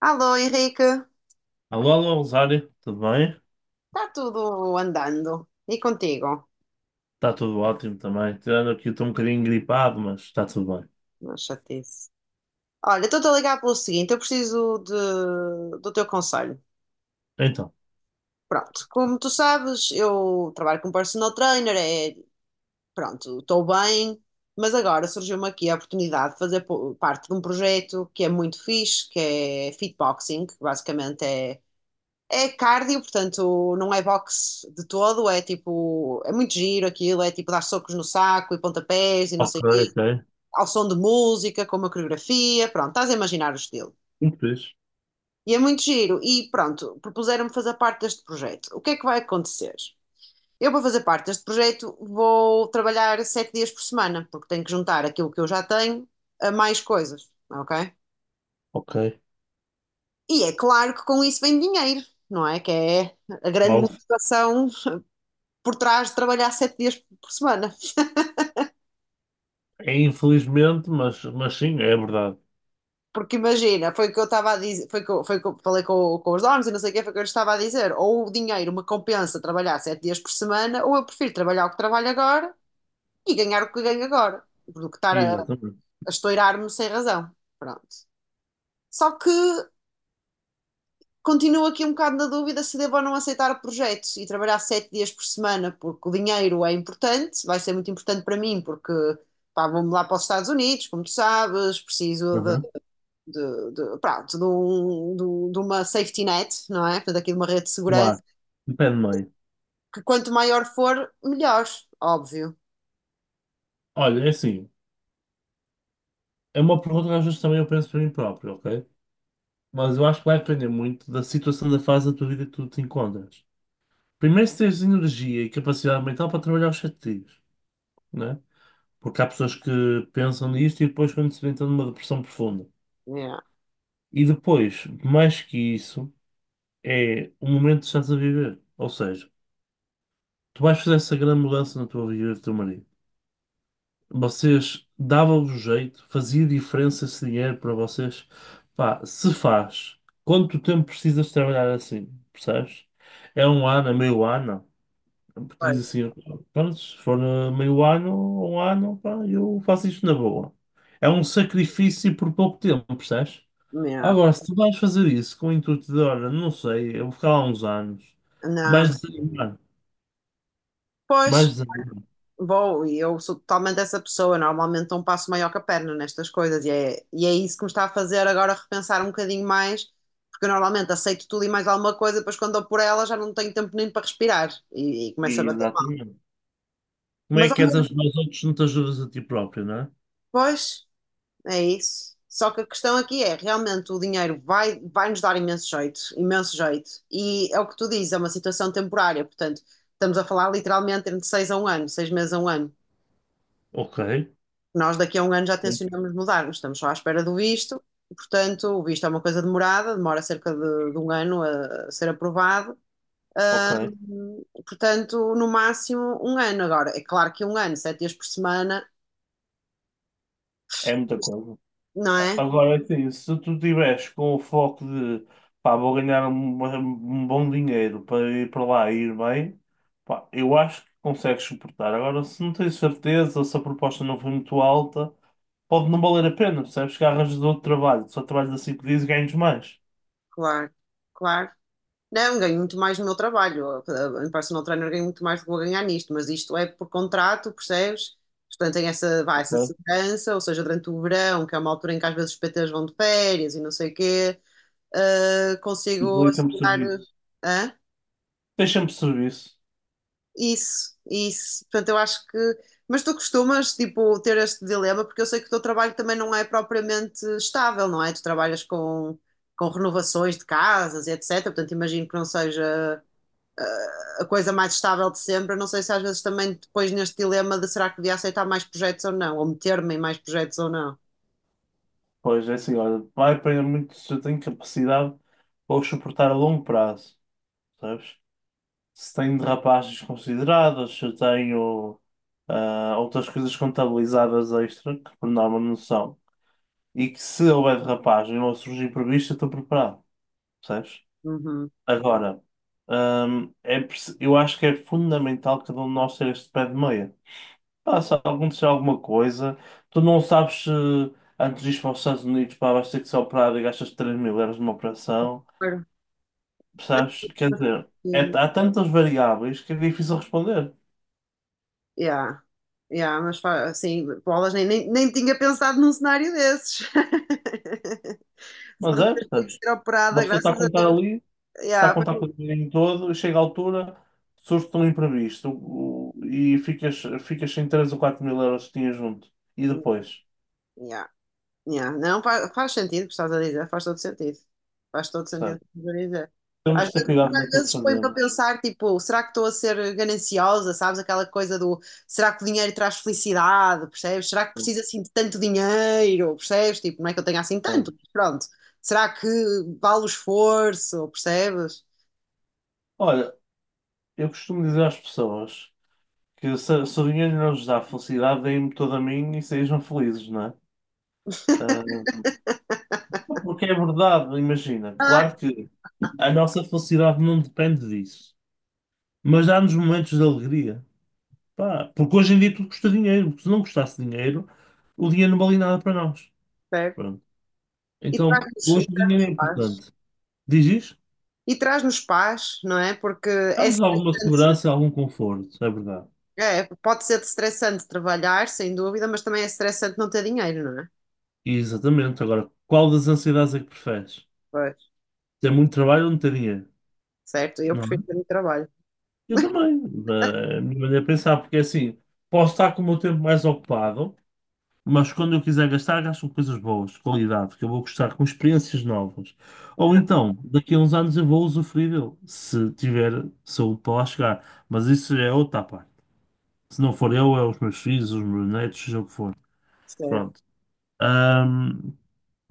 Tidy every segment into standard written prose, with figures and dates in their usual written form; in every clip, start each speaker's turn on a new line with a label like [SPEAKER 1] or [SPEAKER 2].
[SPEAKER 1] Alô, Henrique, está
[SPEAKER 2] Alô, alô, Rosário, tudo bem?
[SPEAKER 1] tudo andando. E contigo?
[SPEAKER 2] Está tudo ótimo também. Tirando aqui, estou um bocadinho gripado, mas está tudo bem.
[SPEAKER 1] Não, chatice. Olha, estou-te a ligar pelo seguinte, do teu conselho.
[SPEAKER 2] Então,
[SPEAKER 1] Pronto, como tu sabes, eu trabalho como personal trainer, é, pronto, estou bem, mas agora surgiu-me aqui a oportunidade de parte de um projeto que é muito fixe, que é fitboxing, que basicamente é cardio, portanto não é boxe de todo, é tipo, é muito giro aquilo, é tipo dar socos no saco e pontapés e não
[SPEAKER 2] ok,
[SPEAKER 1] sei,
[SPEAKER 2] ok.
[SPEAKER 1] ao som de música, com uma coreografia, pronto, estás a imaginar o estilo.
[SPEAKER 2] Muito fixe.
[SPEAKER 1] E é muito giro. E pronto, propuseram-me fazer parte deste projeto. O que é que vai acontecer? Eu, para fazer parte deste projeto, vou trabalhar sete dias por semana, porque tenho que juntar aquilo que eu já tenho a mais coisas, ok?
[SPEAKER 2] Ok.
[SPEAKER 1] E é claro que com isso vem dinheiro, não é? Que é a grande
[SPEAKER 2] Bom,
[SPEAKER 1] motivação por trás de trabalhar sete dias por semana.
[SPEAKER 2] é infelizmente, mas sim, é verdade.
[SPEAKER 1] Porque imagina, foi o que eu estava a dizer, foi o que eu falei com os donos e não sei o que, foi o que eu lhes estava a dizer. Ou o dinheiro me compensa trabalhar sete dias por semana, ou eu prefiro trabalhar o que trabalho agora e ganhar o que ganho agora, do que a
[SPEAKER 2] Exatamente.
[SPEAKER 1] estourar-me sem razão. Pronto. Só que continuo aqui um bocado na dúvida se devo ou não aceitar o projeto e trabalhar sete dias por semana, porque o dinheiro é importante, vai ser muito importante para mim, porque pá, vou-me lá para os Estados Unidos, como tu sabes, preciso
[SPEAKER 2] Uhum.
[SPEAKER 1] de, pronto, de, um- de- um, de uma safety net, não é? Portanto, aqui de uma rede de segurança,
[SPEAKER 2] Claro. Depende meio.
[SPEAKER 1] que quanto maior for, melhor, óbvio.
[SPEAKER 2] Olha, é assim, é uma pergunta que às vezes também eu penso para mim próprio, ok? Mas eu acho que vai depender muito da situação da fase da tua vida que tu te encontras. Primeiro, se tens energia e capacidade mental para trabalhar os sete dias, né? Porque há pessoas que pensam nisto e depois quando se vê estão numa depressão profunda.
[SPEAKER 1] Yeah.
[SPEAKER 2] E depois, mais que isso, é o momento que estás a viver. Ou seja, tu vais fazer essa grande mudança na tua vida e do teu marido. Vocês davam-vos jeito, fazia diferença esse dinheiro para vocês. Pá, se faz, quanto tempo precisas trabalhar assim? Percebes? É um ano, é meio ano? Porque diz
[SPEAKER 1] Pois,
[SPEAKER 2] assim, pronto, se for meio ano ou um ano, pá, eu faço isto na boa. É um sacrifício por pouco tempo, percebes?
[SPEAKER 1] yeah.
[SPEAKER 2] Agora, se tu vais fazer isso com o intuito de, olha, não sei, eu vou ficar lá uns anos,
[SPEAKER 1] Não,
[SPEAKER 2] vais desanimar,
[SPEAKER 1] pois,
[SPEAKER 2] vais desanimar.
[SPEAKER 1] bom, e eu sou totalmente essa pessoa, normalmente não passo maior que a perna nestas coisas, e é isso que me está a fazer agora repensar um bocadinho mais, porque eu normalmente aceito tudo e mais alguma coisa, depois quando dou por ela já não tenho tempo nem para respirar, e começo a bater mal.
[SPEAKER 2] Exatamente. Como é
[SPEAKER 1] Mas,
[SPEAKER 2] que
[SPEAKER 1] ao
[SPEAKER 2] queres
[SPEAKER 1] menos,
[SPEAKER 2] ajudar os outros se não te ajudas a ti próprio, não é?
[SPEAKER 1] pois, é isso. Só que a questão aqui é, realmente o dinheiro vai nos dar imenso jeito, imenso jeito. E é o que tu dizes, é uma situação temporária, portanto, estamos a falar literalmente entre seis a um ano, seis meses a um ano.
[SPEAKER 2] Ok.
[SPEAKER 1] Nós daqui a um ano já
[SPEAKER 2] Bem,
[SPEAKER 1] tencionamos mudar. Nós estamos só à espera do visto, portanto, o visto é uma coisa demorada, demora cerca de um ano a ser aprovado.
[SPEAKER 2] ok.
[SPEAKER 1] Portanto, no máximo um ano agora. É claro que um ano, sete dias por semana,
[SPEAKER 2] É muita coisa.
[SPEAKER 1] não é?
[SPEAKER 2] Agora sim, se tu tiveres com o foco de pá, vou ganhar um bom dinheiro para ir para lá e ir bem, pá, eu acho que consegues suportar. Agora, se não tens certeza, ou se a proposta não foi muito alta, pode não valer a pena, percebes? Que arranjas outro trabalho, só trabalhas assim que dias e ganhas mais.
[SPEAKER 1] Claro, claro. Não, ganho muito mais no meu trabalho. Em personal trainer ganho muito mais do que vou ganhar nisto, mas isto é por contrato, percebes? Portanto, tem essa, vá, essa
[SPEAKER 2] Ok?
[SPEAKER 1] segurança, ou seja, durante o verão, que é uma altura em que às vezes os PTs vão de férias e não sei o quê,
[SPEAKER 2] E
[SPEAKER 1] consigo
[SPEAKER 2] dali sempre
[SPEAKER 1] assegurar.
[SPEAKER 2] serviço.
[SPEAKER 1] Hã?
[SPEAKER 2] Tens sempre serviço.
[SPEAKER 1] Isso, isso. Portanto, eu acho que. Mas tu costumas, tipo, ter este dilema, porque eu sei que o teu trabalho também não é propriamente estável, não é? Tu trabalhas com renovações de casas e etc. Portanto, imagino que não seja a coisa mais estável de sempre. Eu não sei se às vezes também depois neste dilema de será que devia aceitar mais projetos ou não, ou meter-me em mais projetos ou não.
[SPEAKER 2] Pois é assim, olha, vai apanhar muito se eu tenho capacidade para o suportar a longo prazo, sabes se tenho derrapagens consideradas, se eu tenho outras coisas contabilizadas extra, que por norma não são, e que se houver derrapagem ou surgir imprevisto, eu estou preparado, percebes?
[SPEAKER 1] Uhum.
[SPEAKER 2] Agora, eu acho que é fundamental cada um de nós ter este pé de meia. Pá, se acontecer alguma coisa, tu não sabes se antes de ir para os Estados Unidos, pá, vais ter que ser operado e gastas 3000 euros numa operação,
[SPEAKER 1] Claro.
[SPEAKER 2] percebes? Quer dizer,
[SPEAKER 1] E-
[SPEAKER 2] há tantas variáveis que é difícil responder.
[SPEAKER 1] yeah, yeah, mas assim, bolas, nem tinha pensado num cenário desses. Se de
[SPEAKER 2] Mas é,
[SPEAKER 1] repente tenho que
[SPEAKER 2] percebes?
[SPEAKER 1] ser
[SPEAKER 2] Uma
[SPEAKER 1] operada,
[SPEAKER 2] pessoa está a
[SPEAKER 1] graças a
[SPEAKER 2] contar
[SPEAKER 1] Deus.
[SPEAKER 2] ali, está a
[SPEAKER 1] Yeah,
[SPEAKER 2] contar
[SPEAKER 1] foi...
[SPEAKER 2] com o dinheiro todo, e chega à altura, surge um imprevisto e ficas sem 3000 ou 4000 euros que tinhas junto. E depois,
[SPEAKER 1] yeah. Yeah, não, faz sentido o que estás a dizer, faz todo sentido. Faz todo sentido o
[SPEAKER 2] percebes?
[SPEAKER 1] que estás a dizer.
[SPEAKER 2] Temos
[SPEAKER 1] Às
[SPEAKER 2] de ter
[SPEAKER 1] vezes,
[SPEAKER 2] cuidado
[SPEAKER 1] porque às
[SPEAKER 2] naquilo que
[SPEAKER 1] vezes põe-me a
[SPEAKER 2] fazemos.
[SPEAKER 1] pensar, tipo, será que estou a ser gananciosa, sabes? Aquela coisa do, será que o dinheiro traz felicidade, percebes? Será que preciso assim de tanto dinheiro, percebes? Tipo, não é que eu tenha assim
[SPEAKER 2] Pois.
[SPEAKER 1] tanto, mas pronto. Será que vale o esforço, percebes?
[SPEAKER 2] Olha, eu costumo dizer às pessoas que se o dinheiro não lhes dá felicidade, deem-me todo a mim e sejam felizes, não é? Ah, porque é verdade, imagina.
[SPEAKER 1] Ah,
[SPEAKER 2] Claro que a nossa felicidade não depende disso, mas dá-nos momentos de alegria. Pá, porque hoje em dia tudo custa dinheiro, porque se não custasse dinheiro, o dinheiro não valia nada para nós.
[SPEAKER 1] percebe?
[SPEAKER 2] Pronto. Então,
[SPEAKER 1] E
[SPEAKER 2] hoje o dinheiro é
[SPEAKER 1] traz-nos paz.
[SPEAKER 2] importante. Diz isto?
[SPEAKER 1] E traz-nos paz, não é? Porque é
[SPEAKER 2] Dá-nos alguma
[SPEAKER 1] estressante.
[SPEAKER 2] segurança, e algum conforto, é verdade.
[SPEAKER 1] É, pode ser estressante trabalhar, sem dúvida, mas também é estressante não ter dinheiro, não é?
[SPEAKER 2] Exatamente. Agora, qual das ansiedades é que preferes?
[SPEAKER 1] Pois,
[SPEAKER 2] Ter muito trabalho ou não ter dinheiro?
[SPEAKER 1] certo? Eu
[SPEAKER 2] Não
[SPEAKER 1] prefiro ter
[SPEAKER 2] é?
[SPEAKER 1] um trabalho.
[SPEAKER 2] Eu também. A minha maneira de pensar, porque é assim, posso estar com o meu tempo mais ocupado, mas quando eu quiser gastar, gasto com coisas boas, de qualidade, que eu vou gostar, com experiências novas.
[SPEAKER 1] É,
[SPEAKER 2] Ou então, daqui a uns anos eu vou usufruir dele, se tiver saúde para lá chegar. Mas isso é outra parte. Se não for eu, é os meus filhos, os meus netos, seja o que for.
[SPEAKER 1] certo.
[SPEAKER 2] Pronto. Ahm,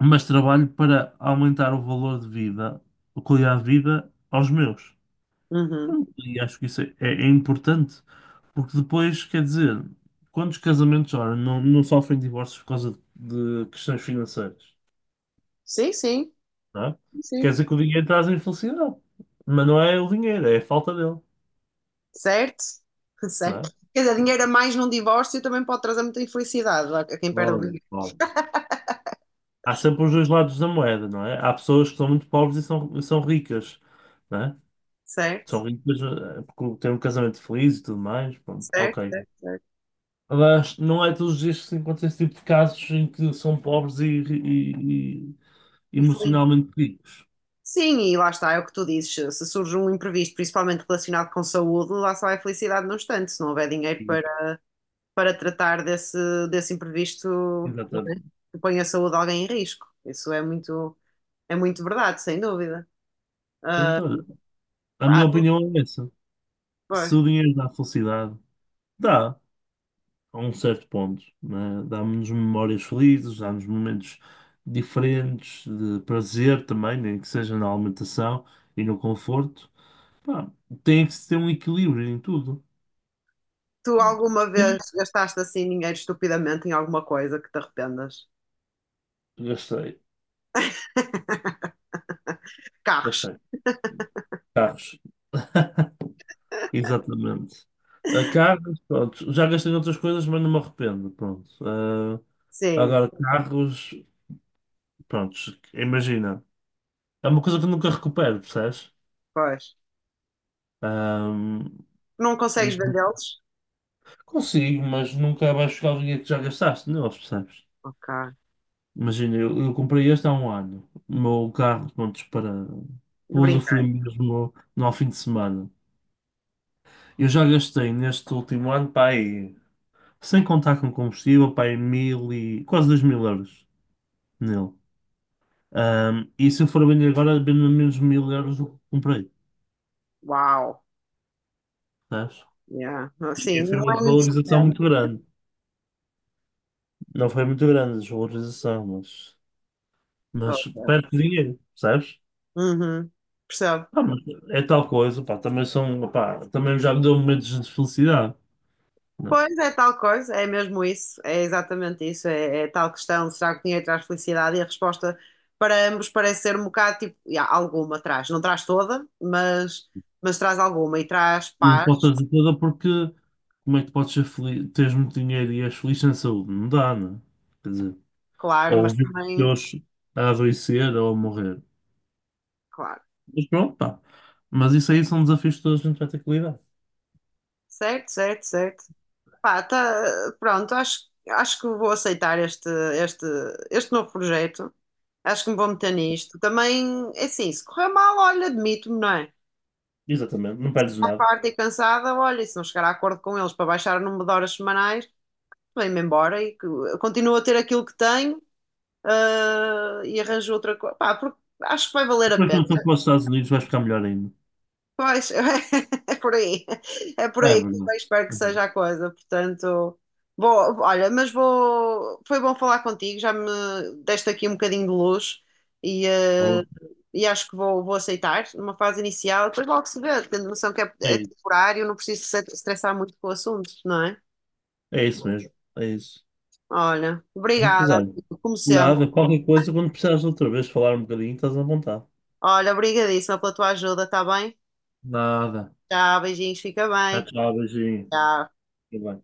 [SPEAKER 2] mas trabalho para aumentar o valor de vida, a qualidade de vida aos meus.
[SPEAKER 1] Uhum.
[SPEAKER 2] Pronto, e acho que é importante, porque depois, quer dizer, quantos casamentos, ora, não, não sofrem divórcios por causa de questões financeiras,
[SPEAKER 1] Sim, sim,
[SPEAKER 2] não é? Quer
[SPEAKER 1] sim.
[SPEAKER 2] dizer que o dinheiro traz a infelicidade, mas não é o dinheiro, é a falta dele,
[SPEAKER 1] Certo?
[SPEAKER 2] não
[SPEAKER 1] Certo.
[SPEAKER 2] é?
[SPEAKER 1] Quer dizer, dinheiro a mais num divórcio também pode trazer muita infelicidade a quem perde o
[SPEAKER 2] Claro,
[SPEAKER 1] dinheiro.
[SPEAKER 2] claro. Há sempre os dois lados da moeda, não é? Há pessoas que são muito pobres e são ricas, não é? São
[SPEAKER 1] Certo?
[SPEAKER 2] ricas porque têm um casamento feliz e tudo mais, pronto,
[SPEAKER 1] Certo,
[SPEAKER 2] ok.
[SPEAKER 1] certo, certo.
[SPEAKER 2] Mas não é todos os dias que se encontra esse tipo de casos em que são pobres e
[SPEAKER 1] E feliz.
[SPEAKER 2] emocionalmente ricos.
[SPEAKER 1] Sim, e lá está, é o que tu dizes. Se surge um imprevisto, principalmente relacionado com saúde, lá só vai felicidade no instante, se não houver dinheiro
[SPEAKER 2] E,
[SPEAKER 1] para. Para tratar desse imprevisto, não é?
[SPEAKER 2] exatamente.
[SPEAKER 1] Que põe a saúde de alguém em risco. Isso é muito verdade, sem dúvida. Ah,
[SPEAKER 2] Portanto, olha, a
[SPEAKER 1] ah,
[SPEAKER 2] minha opinião é essa. Se
[SPEAKER 1] pois.
[SPEAKER 2] o dinheiro dá felicidade, dá, a um certo ponto, né? Dá-nos memórias felizes, dá-nos momentos diferentes de prazer também, nem que seja na alimentação e no conforto. Pá, tem que se ter um equilíbrio em tudo.
[SPEAKER 1] Tu alguma
[SPEAKER 2] E
[SPEAKER 1] vez gastaste assim dinheiro estupidamente em alguma coisa que te arrependas?
[SPEAKER 2] Gastei,
[SPEAKER 1] Carros.
[SPEAKER 2] gastei. Carros, exatamente. A carros, pronto, já gastei outras coisas, mas não me arrependo, pronto. Ah,
[SPEAKER 1] Sim,
[SPEAKER 2] agora, carros. Prontos, imagina. É uma coisa que eu nunca recupero, percebes?
[SPEAKER 1] pois.
[SPEAKER 2] Ahm,
[SPEAKER 1] Não
[SPEAKER 2] e
[SPEAKER 1] consegues vendê-los?
[SPEAKER 2] consigo, mas nunca vais chegar ao dinheiro que já gastaste neles, percebes?
[SPEAKER 1] Ok.
[SPEAKER 2] Imagina, eu comprei este há um ano. O meu carro, prontos,
[SPEAKER 1] De
[SPEAKER 2] para
[SPEAKER 1] brincar.
[SPEAKER 2] usufruir mesmo no, ao fim de semana. Eu já gastei neste último ano, pá, aí, sem contar com combustível, pá, aí 1000 e quase 2000 euros nele. E se eu for vender agora, vendo menos 1000 euros do que comprei,
[SPEAKER 1] Uau.
[SPEAKER 2] percebes?
[SPEAKER 1] Yeah. Sim,
[SPEAKER 2] E foi
[SPEAKER 1] não
[SPEAKER 2] uma
[SPEAKER 1] é muito.
[SPEAKER 2] desvalorização muito grande. Não foi muito grande a desvalorização, mas perto de dinheiro, percebes?
[SPEAKER 1] Uhum. Percebo.
[SPEAKER 2] Pá, mas é tal coisa, pá, também são, pá, também já me deu momentos de felicidade. Não,
[SPEAKER 1] Pois é tal coisa, é mesmo isso, é exatamente isso, é tal questão, será que o dinheiro traz felicidade? E a resposta para ambos parece ser um bocado tipo, "Ya, alguma traz, não traz toda, mas traz alguma e traz
[SPEAKER 2] não pode
[SPEAKER 1] paz,
[SPEAKER 2] trazer toda porque como é que tu podes ser feliz, teres muito dinheiro e és feliz sem saúde? Não dá, não é? Quer dizer,
[SPEAKER 1] claro,
[SPEAKER 2] ou
[SPEAKER 1] mas
[SPEAKER 2] ver os
[SPEAKER 1] também,
[SPEAKER 2] teus a adoecer ou a morrer.
[SPEAKER 1] claro,
[SPEAKER 2] Mas pronto, pá. Mas isso aí são desafios que toda a gente vai ter que lidar.
[SPEAKER 1] certo, certo, certo." Pá, tá, pronto, acho que vou aceitar este, este novo projeto, acho que me vou meter nisto. Também, é assim, se correr mal, olha, admito-me, não é?
[SPEAKER 2] Exatamente, não perdes
[SPEAKER 1] À
[SPEAKER 2] nada.
[SPEAKER 1] parte e cansada, olha, e se não chegar a acordo com eles para baixar o número de horas semanais, vem-me embora e continuo a ter aquilo que tenho, ah, e arranjo outra coisa. Pá, porque acho que vai valer a
[SPEAKER 2] Depois
[SPEAKER 1] pena.
[SPEAKER 2] quando for para os Estados Unidos vais ficar melhor ainda.
[SPEAKER 1] Pois, é por aí. É por
[SPEAKER 2] É
[SPEAKER 1] aí que
[SPEAKER 2] verdade.
[SPEAKER 1] eu espero que
[SPEAKER 2] Uhum.
[SPEAKER 1] seja a coisa. Portanto, vou, olha, mas vou. Foi bom falar contigo, já me deste aqui um bocadinho de luz e, eh,
[SPEAKER 2] Boa.
[SPEAKER 1] e acho que vou aceitar numa fase inicial. Depois logo se vê, tendo noção que é, é
[SPEAKER 2] É
[SPEAKER 1] temporário, não preciso se estressar muito com o assunto, não é?
[SPEAKER 2] é isso mesmo, é isso.
[SPEAKER 1] Olha,
[SPEAKER 2] Muito
[SPEAKER 1] obrigada,
[SPEAKER 2] usado.
[SPEAKER 1] amigo, como sempre.
[SPEAKER 2] Nada, qualquer coisa, quando precisares outra vez falar um bocadinho, estás à vontade.
[SPEAKER 1] Olha, obrigadíssima pela tua ajuda, tá bem?
[SPEAKER 2] Nada.
[SPEAKER 1] Tchau, beijinhos, fica
[SPEAKER 2] Tchau,
[SPEAKER 1] bem.
[SPEAKER 2] tchau, beijinho.
[SPEAKER 1] Tchau.
[SPEAKER 2] Fica bem.